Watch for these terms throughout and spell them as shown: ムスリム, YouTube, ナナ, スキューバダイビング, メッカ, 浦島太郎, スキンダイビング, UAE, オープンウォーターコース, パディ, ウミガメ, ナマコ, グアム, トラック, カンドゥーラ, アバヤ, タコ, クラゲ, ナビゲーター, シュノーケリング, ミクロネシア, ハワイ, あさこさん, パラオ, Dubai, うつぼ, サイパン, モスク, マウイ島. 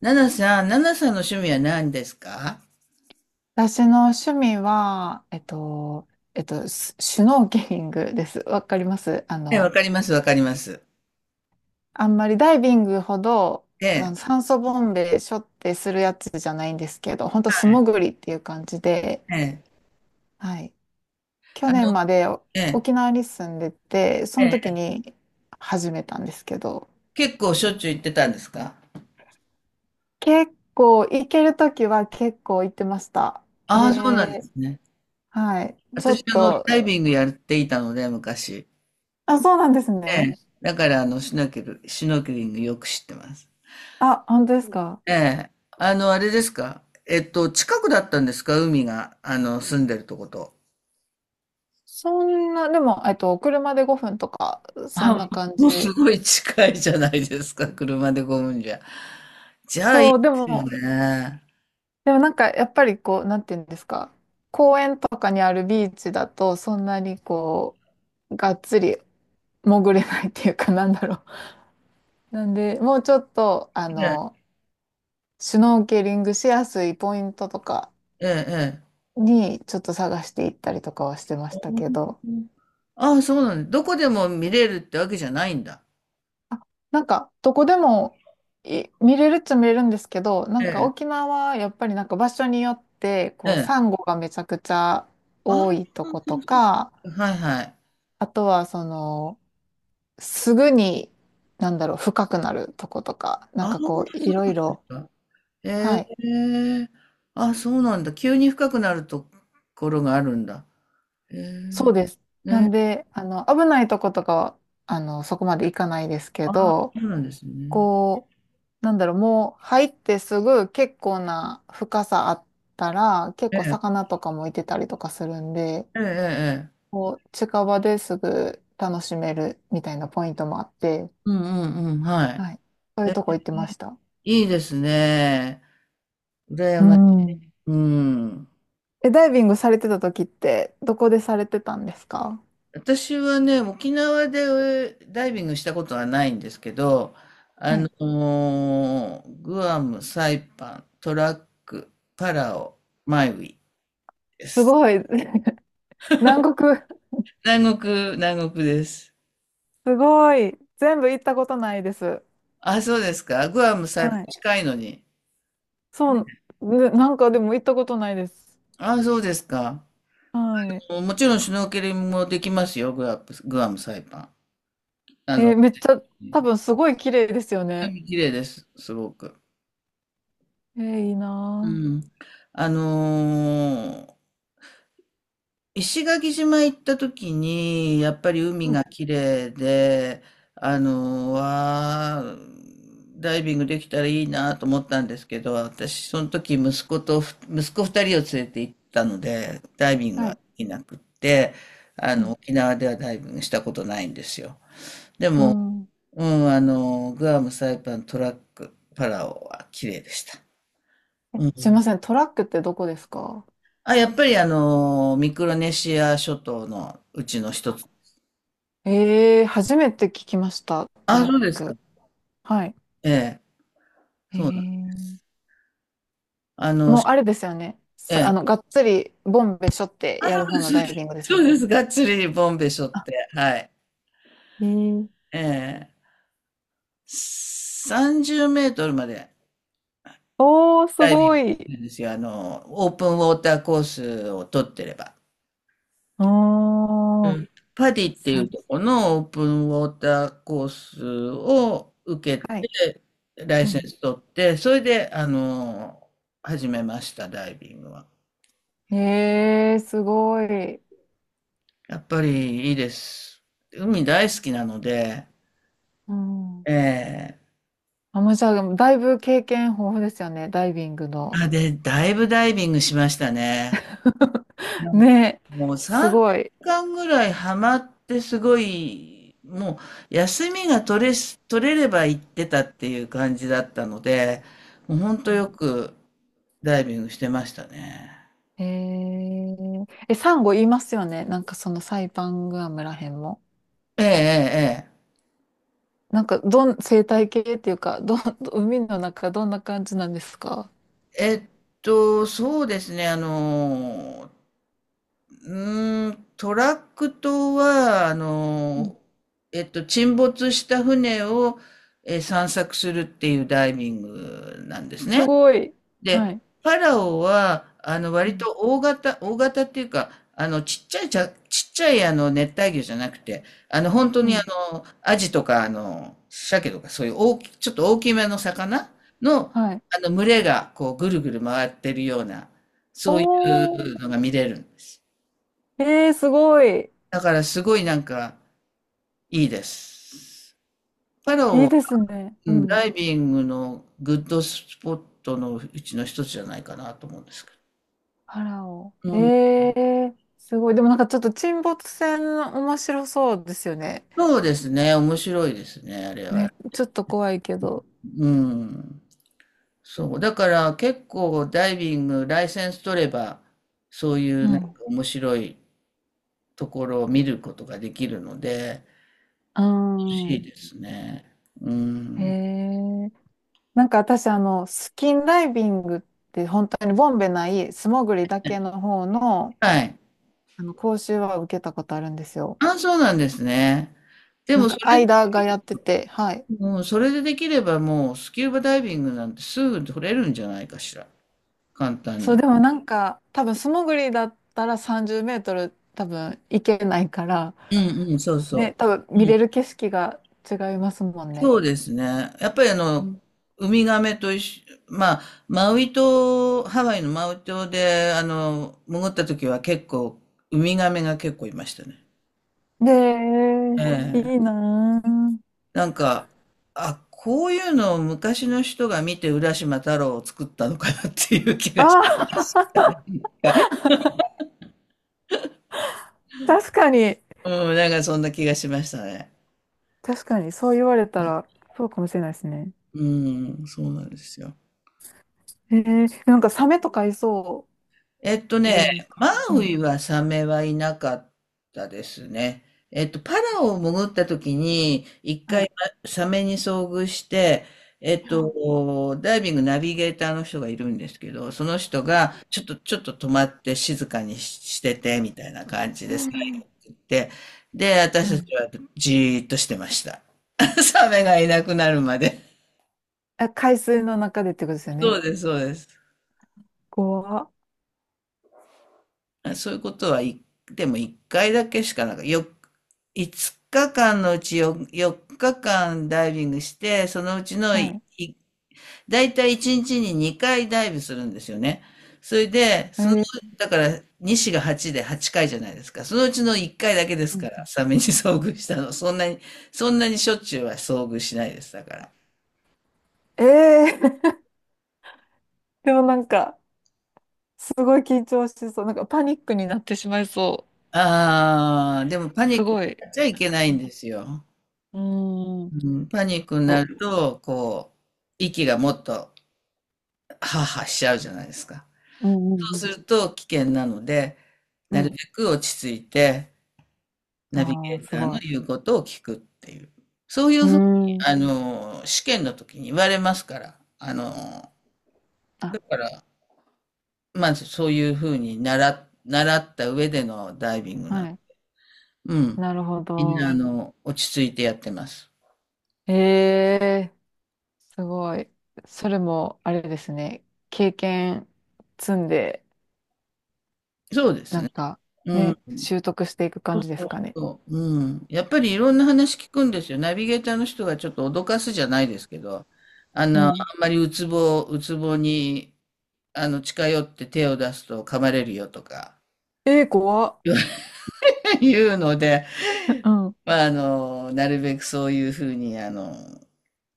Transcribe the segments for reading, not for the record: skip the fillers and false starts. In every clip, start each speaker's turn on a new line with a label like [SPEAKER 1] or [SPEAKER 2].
[SPEAKER 1] ナナさん、ナナさんの趣味は何ですか？
[SPEAKER 2] 私の趣味は、シシュノーケリングです。わかります？
[SPEAKER 1] え、わかります、わかります。
[SPEAKER 2] あんまりダイビングほど、
[SPEAKER 1] ええ、
[SPEAKER 2] 酸素ボンベ背負ってするやつじゃないんですけど、本当素潜りっていう感じで、
[SPEAKER 1] ええ、
[SPEAKER 2] はい。去
[SPEAKER 1] あ
[SPEAKER 2] 年
[SPEAKER 1] の、
[SPEAKER 2] まで
[SPEAKER 1] ええ、
[SPEAKER 2] 沖縄に住んでて、その
[SPEAKER 1] え
[SPEAKER 2] 時
[SPEAKER 1] え。
[SPEAKER 2] に始めたんですけど、
[SPEAKER 1] 結構しょっちゅう行ってたんですか？
[SPEAKER 2] 結構、行ける時は結構行ってました。
[SPEAKER 1] ああ、そうなんで
[SPEAKER 2] で、
[SPEAKER 1] すね。
[SPEAKER 2] はい。ちょ
[SPEAKER 1] 私、
[SPEAKER 2] っ
[SPEAKER 1] ダ
[SPEAKER 2] と、
[SPEAKER 1] イビングやっていたので、昔。
[SPEAKER 2] あ、そうなんです
[SPEAKER 1] え
[SPEAKER 2] ね。
[SPEAKER 1] え、だから、シュノーケリングよく知ってます。
[SPEAKER 2] あ、本当ですか？
[SPEAKER 1] ええ、あれですか？近くだったんですか、海が、住んでるとこと。
[SPEAKER 2] そんな、でも、車で5分とか、そん
[SPEAKER 1] あ、
[SPEAKER 2] な感
[SPEAKER 1] もうす
[SPEAKER 2] じ。
[SPEAKER 1] ごい近いじゃないですか、車で5んじゃ。じゃあ、いい
[SPEAKER 2] そ
[SPEAKER 1] で
[SPEAKER 2] う、で
[SPEAKER 1] すよ
[SPEAKER 2] も、
[SPEAKER 1] ね。
[SPEAKER 2] なんか、やっぱりこう、なんていうんですか、公園とかにあるビーチだと、そんなにこう、がっつり潜れないっていうかなんだろう。なんで、もうちょっと、シュノーケリングしやすいポイントとか
[SPEAKER 1] ええ、ええ。
[SPEAKER 2] に、ちょっと探していったりとかはしてましたけど、
[SPEAKER 1] ああ、そうなんだ。どこでも見れるってわけじゃないんだ。
[SPEAKER 2] あなんか、どこでも見れるっちゃ見れるんですけど、な
[SPEAKER 1] え
[SPEAKER 2] んか
[SPEAKER 1] え、
[SPEAKER 2] 沖縄はやっぱりなんか場所によって、
[SPEAKER 1] え
[SPEAKER 2] こう、
[SPEAKER 1] え。
[SPEAKER 2] サンゴがめちゃくちゃ
[SPEAKER 1] ああ、
[SPEAKER 2] 多いと
[SPEAKER 1] そう
[SPEAKER 2] こ
[SPEAKER 1] そ
[SPEAKER 2] と
[SPEAKER 1] うそ
[SPEAKER 2] か、
[SPEAKER 1] う、はいはい。
[SPEAKER 2] あとはその、すぐに、なんだろう、深くなるとことか、なん
[SPEAKER 1] ああ、
[SPEAKER 2] か
[SPEAKER 1] そうなん
[SPEAKER 2] こ
[SPEAKER 1] で
[SPEAKER 2] う、
[SPEAKER 1] す
[SPEAKER 2] いろいろ、
[SPEAKER 1] か。え
[SPEAKER 2] はい、
[SPEAKER 1] え。あ、そうなんだ。急に深くなるところがあるんだ。え
[SPEAKER 2] そ
[SPEAKER 1] え。
[SPEAKER 2] うです。なん
[SPEAKER 1] ね。
[SPEAKER 2] で、危ないとことかは、そこまで行かないですけ
[SPEAKER 1] ああ、
[SPEAKER 2] ど、
[SPEAKER 1] そうなんですね。
[SPEAKER 2] こう、なんだろう、もう入ってすぐ結構な深さあったら、結
[SPEAKER 1] え
[SPEAKER 2] 構
[SPEAKER 1] え、
[SPEAKER 2] 魚とかもいてたりとかするんで、
[SPEAKER 1] ええ、ええ。ええ、
[SPEAKER 2] こう、近場ですぐ楽しめるみたいなポイントもあって、
[SPEAKER 1] うんうんうん、はい。
[SPEAKER 2] はい。そういう
[SPEAKER 1] え、
[SPEAKER 2] とこ行ってました。
[SPEAKER 1] いいですね。羨
[SPEAKER 2] う
[SPEAKER 1] ましい。
[SPEAKER 2] ん。
[SPEAKER 1] うん。
[SPEAKER 2] え、ダイビングされてた時って、どこでされてたんですか？
[SPEAKER 1] 私はね、沖縄でダイビングしたことはないんですけど、あ
[SPEAKER 2] は
[SPEAKER 1] の
[SPEAKER 2] い。
[SPEAKER 1] グアム、サイパン、トラック、パラオ、マイウィで
[SPEAKER 2] す
[SPEAKER 1] す。
[SPEAKER 2] ごい。南国。
[SPEAKER 1] 南国、南国です。
[SPEAKER 2] すごい。全部行ったことないです。
[SPEAKER 1] あ、そうですか。グアム、サイパン
[SPEAKER 2] はい。
[SPEAKER 1] 近いのに。
[SPEAKER 2] そう、ね、なんかでも行ったことないです。
[SPEAKER 1] あ、そうですか。
[SPEAKER 2] はい。
[SPEAKER 1] もちろんシュノーケリングもできますよ、グアム、グアム、サイパン。あの、
[SPEAKER 2] めっちゃ、多分すごい綺麗ですよね。
[SPEAKER 1] 海綺麗です、すごく。
[SPEAKER 2] いい
[SPEAKER 1] う
[SPEAKER 2] な
[SPEAKER 1] ん。あのー石垣島行った時に、やっぱり
[SPEAKER 2] ぁ。
[SPEAKER 1] 海
[SPEAKER 2] う
[SPEAKER 1] が
[SPEAKER 2] ん。
[SPEAKER 1] 綺麗で、わあ、ダイビングできたらいいなと思ったんですけど、私、その時息子と息子二人を連れて行ったので、ダイビング
[SPEAKER 2] は
[SPEAKER 1] はで
[SPEAKER 2] い。
[SPEAKER 1] きなくって、
[SPEAKER 2] ぁ。う
[SPEAKER 1] 沖縄ではダイビングしたことないんですよ。でも、
[SPEAKER 2] ん。うん。
[SPEAKER 1] うん、グアム、サイパン、トラック、パラオは綺麗でした。
[SPEAKER 2] え、
[SPEAKER 1] うん。
[SPEAKER 2] すいません、トラックってどこですか？
[SPEAKER 1] あ、やっぱりミクロネシア諸島のうちの一つ。
[SPEAKER 2] ええー、初めて聞きました、ト
[SPEAKER 1] あ、
[SPEAKER 2] ラッ
[SPEAKER 1] そうですか。
[SPEAKER 2] ク。はい。
[SPEAKER 1] ええ、
[SPEAKER 2] え
[SPEAKER 1] そうなん。
[SPEAKER 2] ー、
[SPEAKER 1] あの、
[SPEAKER 2] もう
[SPEAKER 1] し
[SPEAKER 2] あれですよね。
[SPEAKER 1] ええ、
[SPEAKER 2] がっつり、ボンベしょって
[SPEAKER 1] あ、
[SPEAKER 2] やる方の
[SPEAKER 1] そうで
[SPEAKER 2] ダイビ
[SPEAKER 1] す。
[SPEAKER 2] ング ですよ
[SPEAKER 1] そう
[SPEAKER 2] ね。
[SPEAKER 1] です。がっつりボンベ背負っ
[SPEAKER 2] あ、
[SPEAKER 1] て、はい。
[SPEAKER 2] えー、
[SPEAKER 1] ええ、30メートルまで
[SPEAKER 2] おー、す
[SPEAKER 1] ダイビング
[SPEAKER 2] ご
[SPEAKER 1] す
[SPEAKER 2] い。
[SPEAKER 1] るんですよ。オープンウォーターコースを取ってれば。
[SPEAKER 2] お
[SPEAKER 1] う
[SPEAKER 2] ー、
[SPEAKER 1] ん。パディっていう
[SPEAKER 2] さ、
[SPEAKER 1] とこのオープンウォーターコースを受け
[SPEAKER 2] はい。
[SPEAKER 1] て、ライ
[SPEAKER 2] う
[SPEAKER 1] セン
[SPEAKER 2] ん。
[SPEAKER 1] ス取って、それで、始めました、ダイビングは。
[SPEAKER 2] すごい。
[SPEAKER 1] やっぱりいいです。海大好きなので、
[SPEAKER 2] うん。
[SPEAKER 1] ええ、
[SPEAKER 2] あ、もうじゃあ、だいぶ経験豊富ですよね、ダイビングの。
[SPEAKER 1] あ、で、だいぶダイビングしましたね。うん。
[SPEAKER 2] ね、
[SPEAKER 1] もう
[SPEAKER 2] す
[SPEAKER 1] 3
[SPEAKER 2] ごい。
[SPEAKER 1] 年間ぐらいハマってすごい、もう休みが取れれば行ってたっていう感じだったので、もうほんとよくダイビングしてましたね。
[SPEAKER 2] サンゴ言いますよね。なんかそのサイパングアムらへんも。
[SPEAKER 1] ええええ
[SPEAKER 2] なんかどん、生態系っていうか、海の中どんな感じなんですか？
[SPEAKER 1] ええ。そうですね、トラック島は、
[SPEAKER 2] うん。
[SPEAKER 1] 沈没した船を、散策するっていうダイビングなんです
[SPEAKER 2] す
[SPEAKER 1] ね。
[SPEAKER 2] ごい。は
[SPEAKER 1] で、
[SPEAKER 2] い。
[SPEAKER 1] パラオは、
[SPEAKER 2] う
[SPEAKER 1] 割
[SPEAKER 2] ん。
[SPEAKER 1] と大型、大型っていうか、ちっちゃい、熱帯魚じゃなくて、本当
[SPEAKER 2] う
[SPEAKER 1] に、
[SPEAKER 2] ん。
[SPEAKER 1] アジとか、鮭とか、そういうちょっと大きめの魚の、
[SPEAKER 2] はい。
[SPEAKER 1] 群れが、こう、ぐるぐる回ってるような、
[SPEAKER 2] お
[SPEAKER 1] そうい
[SPEAKER 2] ー。
[SPEAKER 1] うのが見れるんです。
[SPEAKER 2] えすごい。
[SPEAKER 1] だからすごいなんかいいです。パラオ
[SPEAKER 2] いい
[SPEAKER 1] も、
[SPEAKER 2] ですね。
[SPEAKER 1] う
[SPEAKER 2] う
[SPEAKER 1] ん、ダ
[SPEAKER 2] ん。
[SPEAKER 1] イビングのグッドスポットのうちの一つじゃないかなと思うんですけ
[SPEAKER 2] パラオ。
[SPEAKER 1] ど。うん。
[SPEAKER 2] すごい。でもなんかちょっと沈没船面白そうですよね。
[SPEAKER 1] そうですね。面白いですね、あれは。
[SPEAKER 2] ね、ちょっと怖いけど。
[SPEAKER 1] うん。そう。だから結構ダイビング、ライセンス取れば、そうい
[SPEAKER 2] う
[SPEAKER 1] うなんか
[SPEAKER 2] ん。
[SPEAKER 1] 面白いところを見ることができるので、
[SPEAKER 2] う
[SPEAKER 1] 欲しい
[SPEAKER 2] ん。
[SPEAKER 1] ですね。う
[SPEAKER 2] へ
[SPEAKER 1] ん。
[SPEAKER 2] え。なんか私、スキンダイビングって本当にボンベない素潜りだけの方の、
[SPEAKER 1] はい。
[SPEAKER 2] 講習は受けたことあるんですよ。
[SPEAKER 1] あ、そうなんですね。で
[SPEAKER 2] な
[SPEAKER 1] も
[SPEAKER 2] んか、
[SPEAKER 1] それ
[SPEAKER 2] 間がやってて、はい。
[SPEAKER 1] もうそれでできればもうスキューバダイビングなんてすぐ取れるんじゃないかしら。簡単
[SPEAKER 2] そう、
[SPEAKER 1] に。
[SPEAKER 2] でもなんか、多分素潜りだったら30メートル多分行けないから、
[SPEAKER 1] うんうん、そうそ
[SPEAKER 2] ね、
[SPEAKER 1] う。
[SPEAKER 2] 多分見
[SPEAKER 1] う
[SPEAKER 2] れ
[SPEAKER 1] ん、
[SPEAKER 2] る景色が違いますもんね。
[SPEAKER 1] そうですね。やっぱり
[SPEAKER 2] うん。
[SPEAKER 1] ウミガメと一緒、まあ、マウイ島、ハワイのマウイ島で、潜った時は結構、ウミガメが結構いましたね。
[SPEAKER 2] で、
[SPEAKER 1] え
[SPEAKER 2] いい
[SPEAKER 1] え。
[SPEAKER 2] なぁ。
[SPEAKER 1] なんか、あ、こういうのを昔の人が見て浦島太郎を作ったのかなっていう気がし
[SPEAKER 2] ああ、
[SPEAKER 1] た。
[SPEAKER 2] 確かに。
[SPEAKER 1] うん、なんかそんな気がしましたね。
[SPEAKER 2] 確かに、そう言われたら、そうかもしれないですね。
[SPEAKER 1] うん、そうなんですよ。
[SPEAKER 2] なんかサメとかいそうじ
[SPEAKER 1] ね、
[SPEAKER 2] ゃないですか。
[SPEAKER 1] マ
[SPEAKER 2] う
[SPEAKER 1] ウ
[SPEAKER 2] ん。
[SPEAKER 1] イはサメはいなかったですね。パラオを潜った時に、一
[SPEAKER 2] は
[SPEAKER 1] 回
[SPEAKER 2] い。
[SPEAKER 1] サメに遭遇して、ダイビングナビゲーターの人がいるんですけど、その人が、ちょっと止まって静かにしてて、みたいな感じでさ、言って、で、私
[SPEAKER 2] は
[SPEAKER 1] た
[SPEAKER 2] い。
[SPEAKER 1] ちはじーっとしてました。サメがいなくなるまで。
[SPEAKER 2] あ、海水の中でってことですよ
[SPEAKER 1] そ
[SPEAKER 2] ね。
[SPEAKER 1] うです、そうです。
[SPEAKER 2] 怖っ。
[SPEAKER 1] そういうこと、はい。でも1回だけしかなんか、5日間のうち4日間ダイビングして、そのうちの
[SPEAKER 2] はい。
[SPEAKER 1] いたい1日に2回ダイブするんですよね。それで、
[SPEAKER 2] えー、
[SPEAKER 1] だから、西が8で8回じゃないですか。そのうちの1回だけです
[SPEAKER 2] う
[SPEAKER 1] か
[SPEAKER 2] ん。
[SPEAKER 1] ら、サメに遭遇したの。そんなに、そんなにしょっちゅうは遭遇しないです、だから。
[SPEAKER 2] えー でもなんか、すごい緊張しそう。なんかパニックになってしまいそ
[SPEAKER 1] ああ、でも
[SPEAKER 2] う。
[SPEAKER 1] パニ
[SPEAKER 2] す
[SPEAKER 1] ックに
[SPEAKER 2] ごい。
[SPEAKER 1] なっちゃいけな
[SPEAKER 2] う
[SPEAKER 1] いん
[SPEAKER 2] ん。
[SPEAKER 1] ですよ。
[SPEAKER 2] うーん。
[SPEAKER 1] うん、パニックにな
[SPEAKER 2] そ
[SPEAKER 1] ると、こう、息がもっとハアハアしちゃうじゃないですか。
[SPEAKER 2] う。うん、う
[SPEAKER 1] そうす
[SPEAKER 2] ん、
[SPEAKER 1] ると危険なので、
[SPEAKER 2] う
[SPEAKER 1] な
[SPEAKER 2] ん。う
[SPEAKER 1] る
[SPEAKER 2] ん。
[SPEAKER 1] べく落ち着いて、ナビ
[SPEAKER 2] あ
[SPEAKER 1] ゲ
[SPEAKER 2] あ、
[SPEAKER 1] ー
[SPEAKER 2] す
[SPEAKER 1] ター
[SPEAKER 2] ご
[SPEAKER 1] の
[SPEAKER 2] い。
[SPEAKER 1] 言うことを聞くっていう。そうい
[SPEAKER 2] う
[SPEAKER 1] う
[SPEAKER 2] ー
[SPEAKER 1] ふうに、
[SPEAKER 2] ん。
[SPEAKER 1] 試験の時に言われますから。だか
[SPEAKER 2] あ、
[SPEAKER 1] ら、まずそういうふうに習った上でのダイビングなの。
[SPEAKER 2] はい。
[SPEAKER 1] うん。
[SPEAKER 2] なるほ
[SPEAKER 1] みんな、
[SPEAKER 2] ど。
[SPEAKER 1] 落ち着いてやってます。
[SPEAKER 2] ええ、すごい。それも、あれですね。経験積んで、
[SPEAKER 1] そうです
[SPEAKER 2] な
[SPEAKER 1] ね。
[SPEAKER 2] んか、
[SPEAKER 1] うん。
[SPEAKER 2] ね、習得していく感じですかね。
[SPEAKER 1] そう、うん。やっぱりいろんな話聞くんですよ。ナビゲーターの人がちょっと脅かすじゃないですけど、
[SPEAKER 2] う
[SPEAKER 1] あん
[SPEAKER 2] ん。
[SPEAKER 1] まりうつぼに、近寄って手を出すと噛まれるよとか
[SPEAKER 2] ええ、怖っ。
[SPEAKER 1] 言うので、
[SPEAKER 2] うん。
[SPEAKER 1] まあ、なるべくそういうふうに、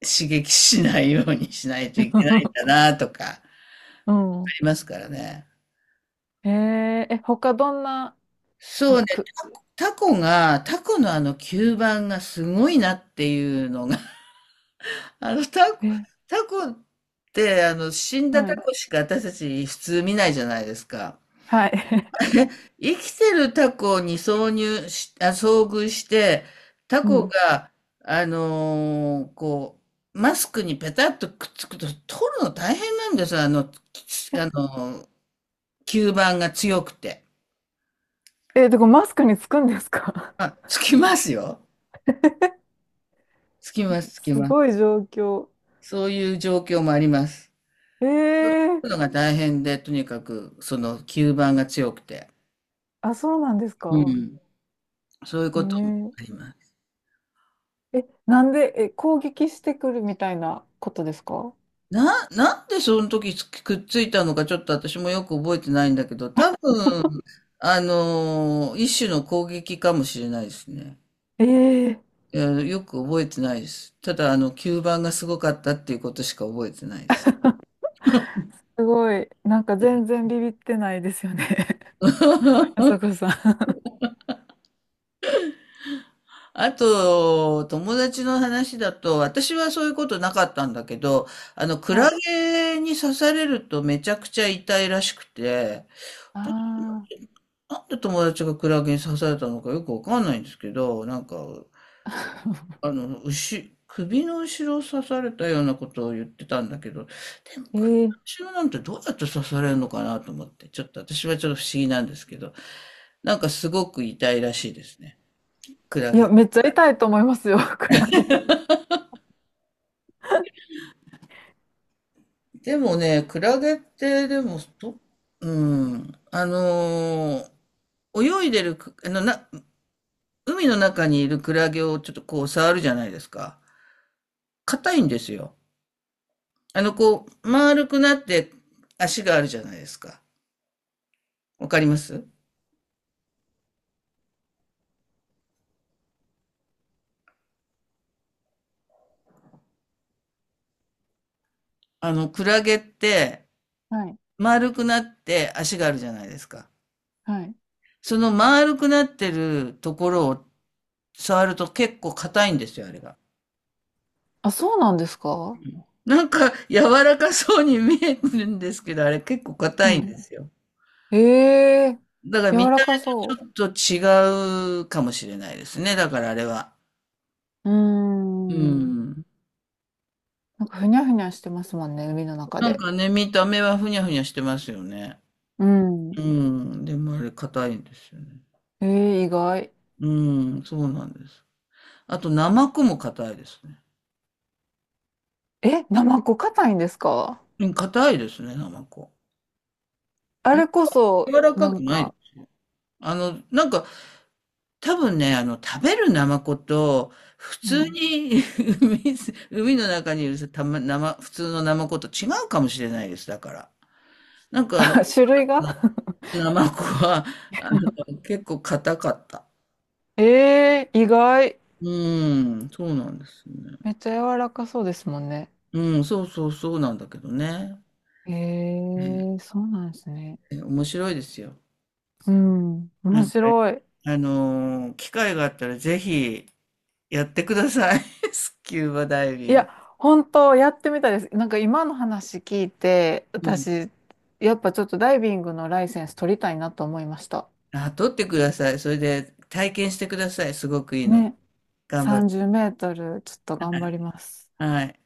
[SPEAKER 1] 刺激しないようにしないといけないんだ なとか、あ
[SPEAKER 2] うん。
[SPEAKER 1] りますからね。
[SPEAKER 2] えええ、他どんな、
[SPEAKER 1] そ
[SPEAKER 2] あ、
[SPEAKER 1] うね、
[SPEAKER 2] く、
[SPEAKER 1] タコのあの吸盤がすごいなっていうのがあの、タコ、
[SPEAKER 2] え、
[SPEAKER 1] タコって、死んだ
[SPEAKER 2] は
[SPEAKER 1] タ
[SPEAKER 2] い。
[SPEAKER 1] コしか私たち普通見ないじゃないですか。
[SPEAKER 2] はい。
[SPEAKER 1] ね、生きてるタコに挿入し、あ、遭遇して、タ
[SPEAKER 2] う
[SPEAKER 1] コ
[SPEAKER 2] ん。
[SPEAKER 1] が、こう、マスクにペタッとくっつくと、取るの大変なんですよ。あの、きあのー、吸盤が強くて。
[SPEAKER 2] え、で、これマスクにつくんですか？
[SPEAKER 1] あ、つきますよ。つきます、つき
[SPEAKER 2] す
[SPEAKER 1] ます。
[SPEAKER 2] ごい状況。
[SPEAKER 1] そういう状況もあります。
[SPEAKER 2] ええ。
[SPEAKER 1] 取るのが大変で、とにかく、その吸盤が強くて。
[SPEAKER 2] あ、そうなんです
[SPEAKER 1] う
[SPEAKER 2] か。
[SPEAKER 1] ん。そういうこともあ
[SPEAKER 2] え。
[SPEAKER 1] ります。
[SPEAKER 2] ええ、なんで、え、攻撃してくるみたいなことですか？
[SPEAKER 1] なんでその時つくっついたのかちょっと私もよく覚えてないんだけど、多分、一種の攻撃かもしれないですね。
[SPEAKER 2] ええ。
[SPEAKER 1] いや、よく覚えてないです。ただ、吸盤がすごかったっていうことしか覚えてないです。
[SPEAKER 2] すごい。なんか全然ビビってないですよね。あ さこさん。
[SPEAKER 1] あと、友達の話だと、私はそういうことなかったんだけど、ク
[SPEAKER 2] は
[SPEAKER 1] ラ
[SPEAKER 2] い。
[SPEAKER 1] ゲに刺されるとめちゃくちゃ痛いらしくて、
[SPEAKER 2] ああ。
[SPEAKER 1] なんで友達がクラゲに刺されたのかよくわかんないんですけど、なんか、首の後ろを刺されたようなことを言ってたんだけど、でも
[SPEAKER 2] えー、
[SPEAKER 1] 首の後ろなんてどうやって刺されるのかなと思って、ちょっと私はちょっと不思議なんですけど、なんかすごく痛いらしいですね。クラ
[SPEAKER 2] いや、
[SPEAKER 1] ゲ。
[SPEAKER 2] めっちゃ痛いと思いますよ、クラゲ。
[SPEAKER 1] でもね、クラゲってでも、どうん、泳いでるく、あのな、海の中にいるクラゲをちょっとこう触るじゃないですか。硬いんですよ。こう、丸くなって足があるじゃないですか。わかります？クラゲって
[SPEAKER 2] はい。
[SPEAKER 1] 丸くなって足があるじゃないですか。
[SPEAKER 2] はい。
[SPEAKER 1] その丸くなってるところを触ると結構硬いんですよ、あれが。
[SPEAKER 2] あ、そうなんですか？
[SPEAKER 1] なんか柔らかそうに見えるんですけど、あれ結構
[SPEAKER 2] う
[SPEAKER 1] 硬いん
[SPEAKER 2] ん。
[SPEAKER 1] ですよ。
[SPEAKER 2] ええー、
[SPEAKER 1] だから見
[SPEAKER 2] 柔ら
[SPEAKER 1] た
[SPEAKER 2] か
[SPEAKER 1] 目
[SPEAKER 2] そ
[SPEAKER 1] ちょっと違うかもしれないですね。だからあれは。
[SPEAKER 2] う。うー
[SPEAKER 1] う
[SPEAKER 2] ん。
[SPEAKER 1] ん。
[SPEAKER 2] なんかふにゃふにゃしてますもんね、海の中
[SPEAKER 1] なん
[SPEAKER 2] で。
[SPEAKER 1] かね、見た目はふにゃふにゃしてますよね。
[SPEAKER 2] うん。
[SPEAKER 1] うん。でもあれ硬いんですよね。
[SPEAKER 2] ええー、意外。
[SPEAKER 1] うーん、そうなんです。あと、ナマコも硬いですね。
[SPEAKER 2] え、ナマコ硬いんですか？
[SPEAKER 1] うん、硬いですね、ナマコ。
[SPEAKER 2] あ
[SPEAKER 1] うん、
[SPEAKER 2] れこ
[SPEAKER 1] 柔
[SPEAKER 2] そ、
[SPEAKER 1] らか
[SPEAKER 2] な
[SPEAKER 1] く
[SPEAKER 2] ん
[SPEAKER 1] ないで
[SPEAKER 2] か、
[SPEAKER 1] す。なんか、多分ね、食べるナマコと、普
[SPEAKER 2] う
[SPEAKER 1] 通
[SPEAKER 2] ん。
[SPEAKER 1] に 海の中にいる、たま、生普通のナマコと違うかもしれないです、だから。なんか、
[SPEAKER 2] 種類が
[SPEAKER 1] ナマコは、結構硬かった。
[SPEAKER 2] ええー、意外。
[SPEAKER 1] うーん、そうなんですね。
[SPEAKER 2] めっちゃ柔らかそうですもんね。
[SPEAKER 1] うん、そうそうそうなんだけどね。
[SPEAKER 2] へ
[SPEAKER 1] うん、
[SPEAKER 2] え、そうなんですね。
[SPEAKER 1] 面白いですよ。
[SPEAKER 2] うん、
[SPEAKER 1] な
[SPEAKER 2] 面
[SPEAKER 1] んか
[SPEAKER 2] 白い。
[SPEAKER 1] 機会があったらぜひやってください。スキューバダイ
[SPEAKER 2] い
[SPEAKER 1] ビング。
[SPEAKER 2] や、本当やってみたいです。なんか今の話聞いて、
[SPEAKER 1] うん。
[SPEAKER 2] 私、やっぱちょっとダイビングのライセンス取りたいなと思いました。
[SPEAKER 1] あ、撮ってください。それで体験してください。すごくいいので。
[SPEAKER 2] ね、
[SPEAKER 1] 頑張る。
[SPEAKER 2] 30メートル、ちょっと頑張ります。
[SPEAKER 1] はい。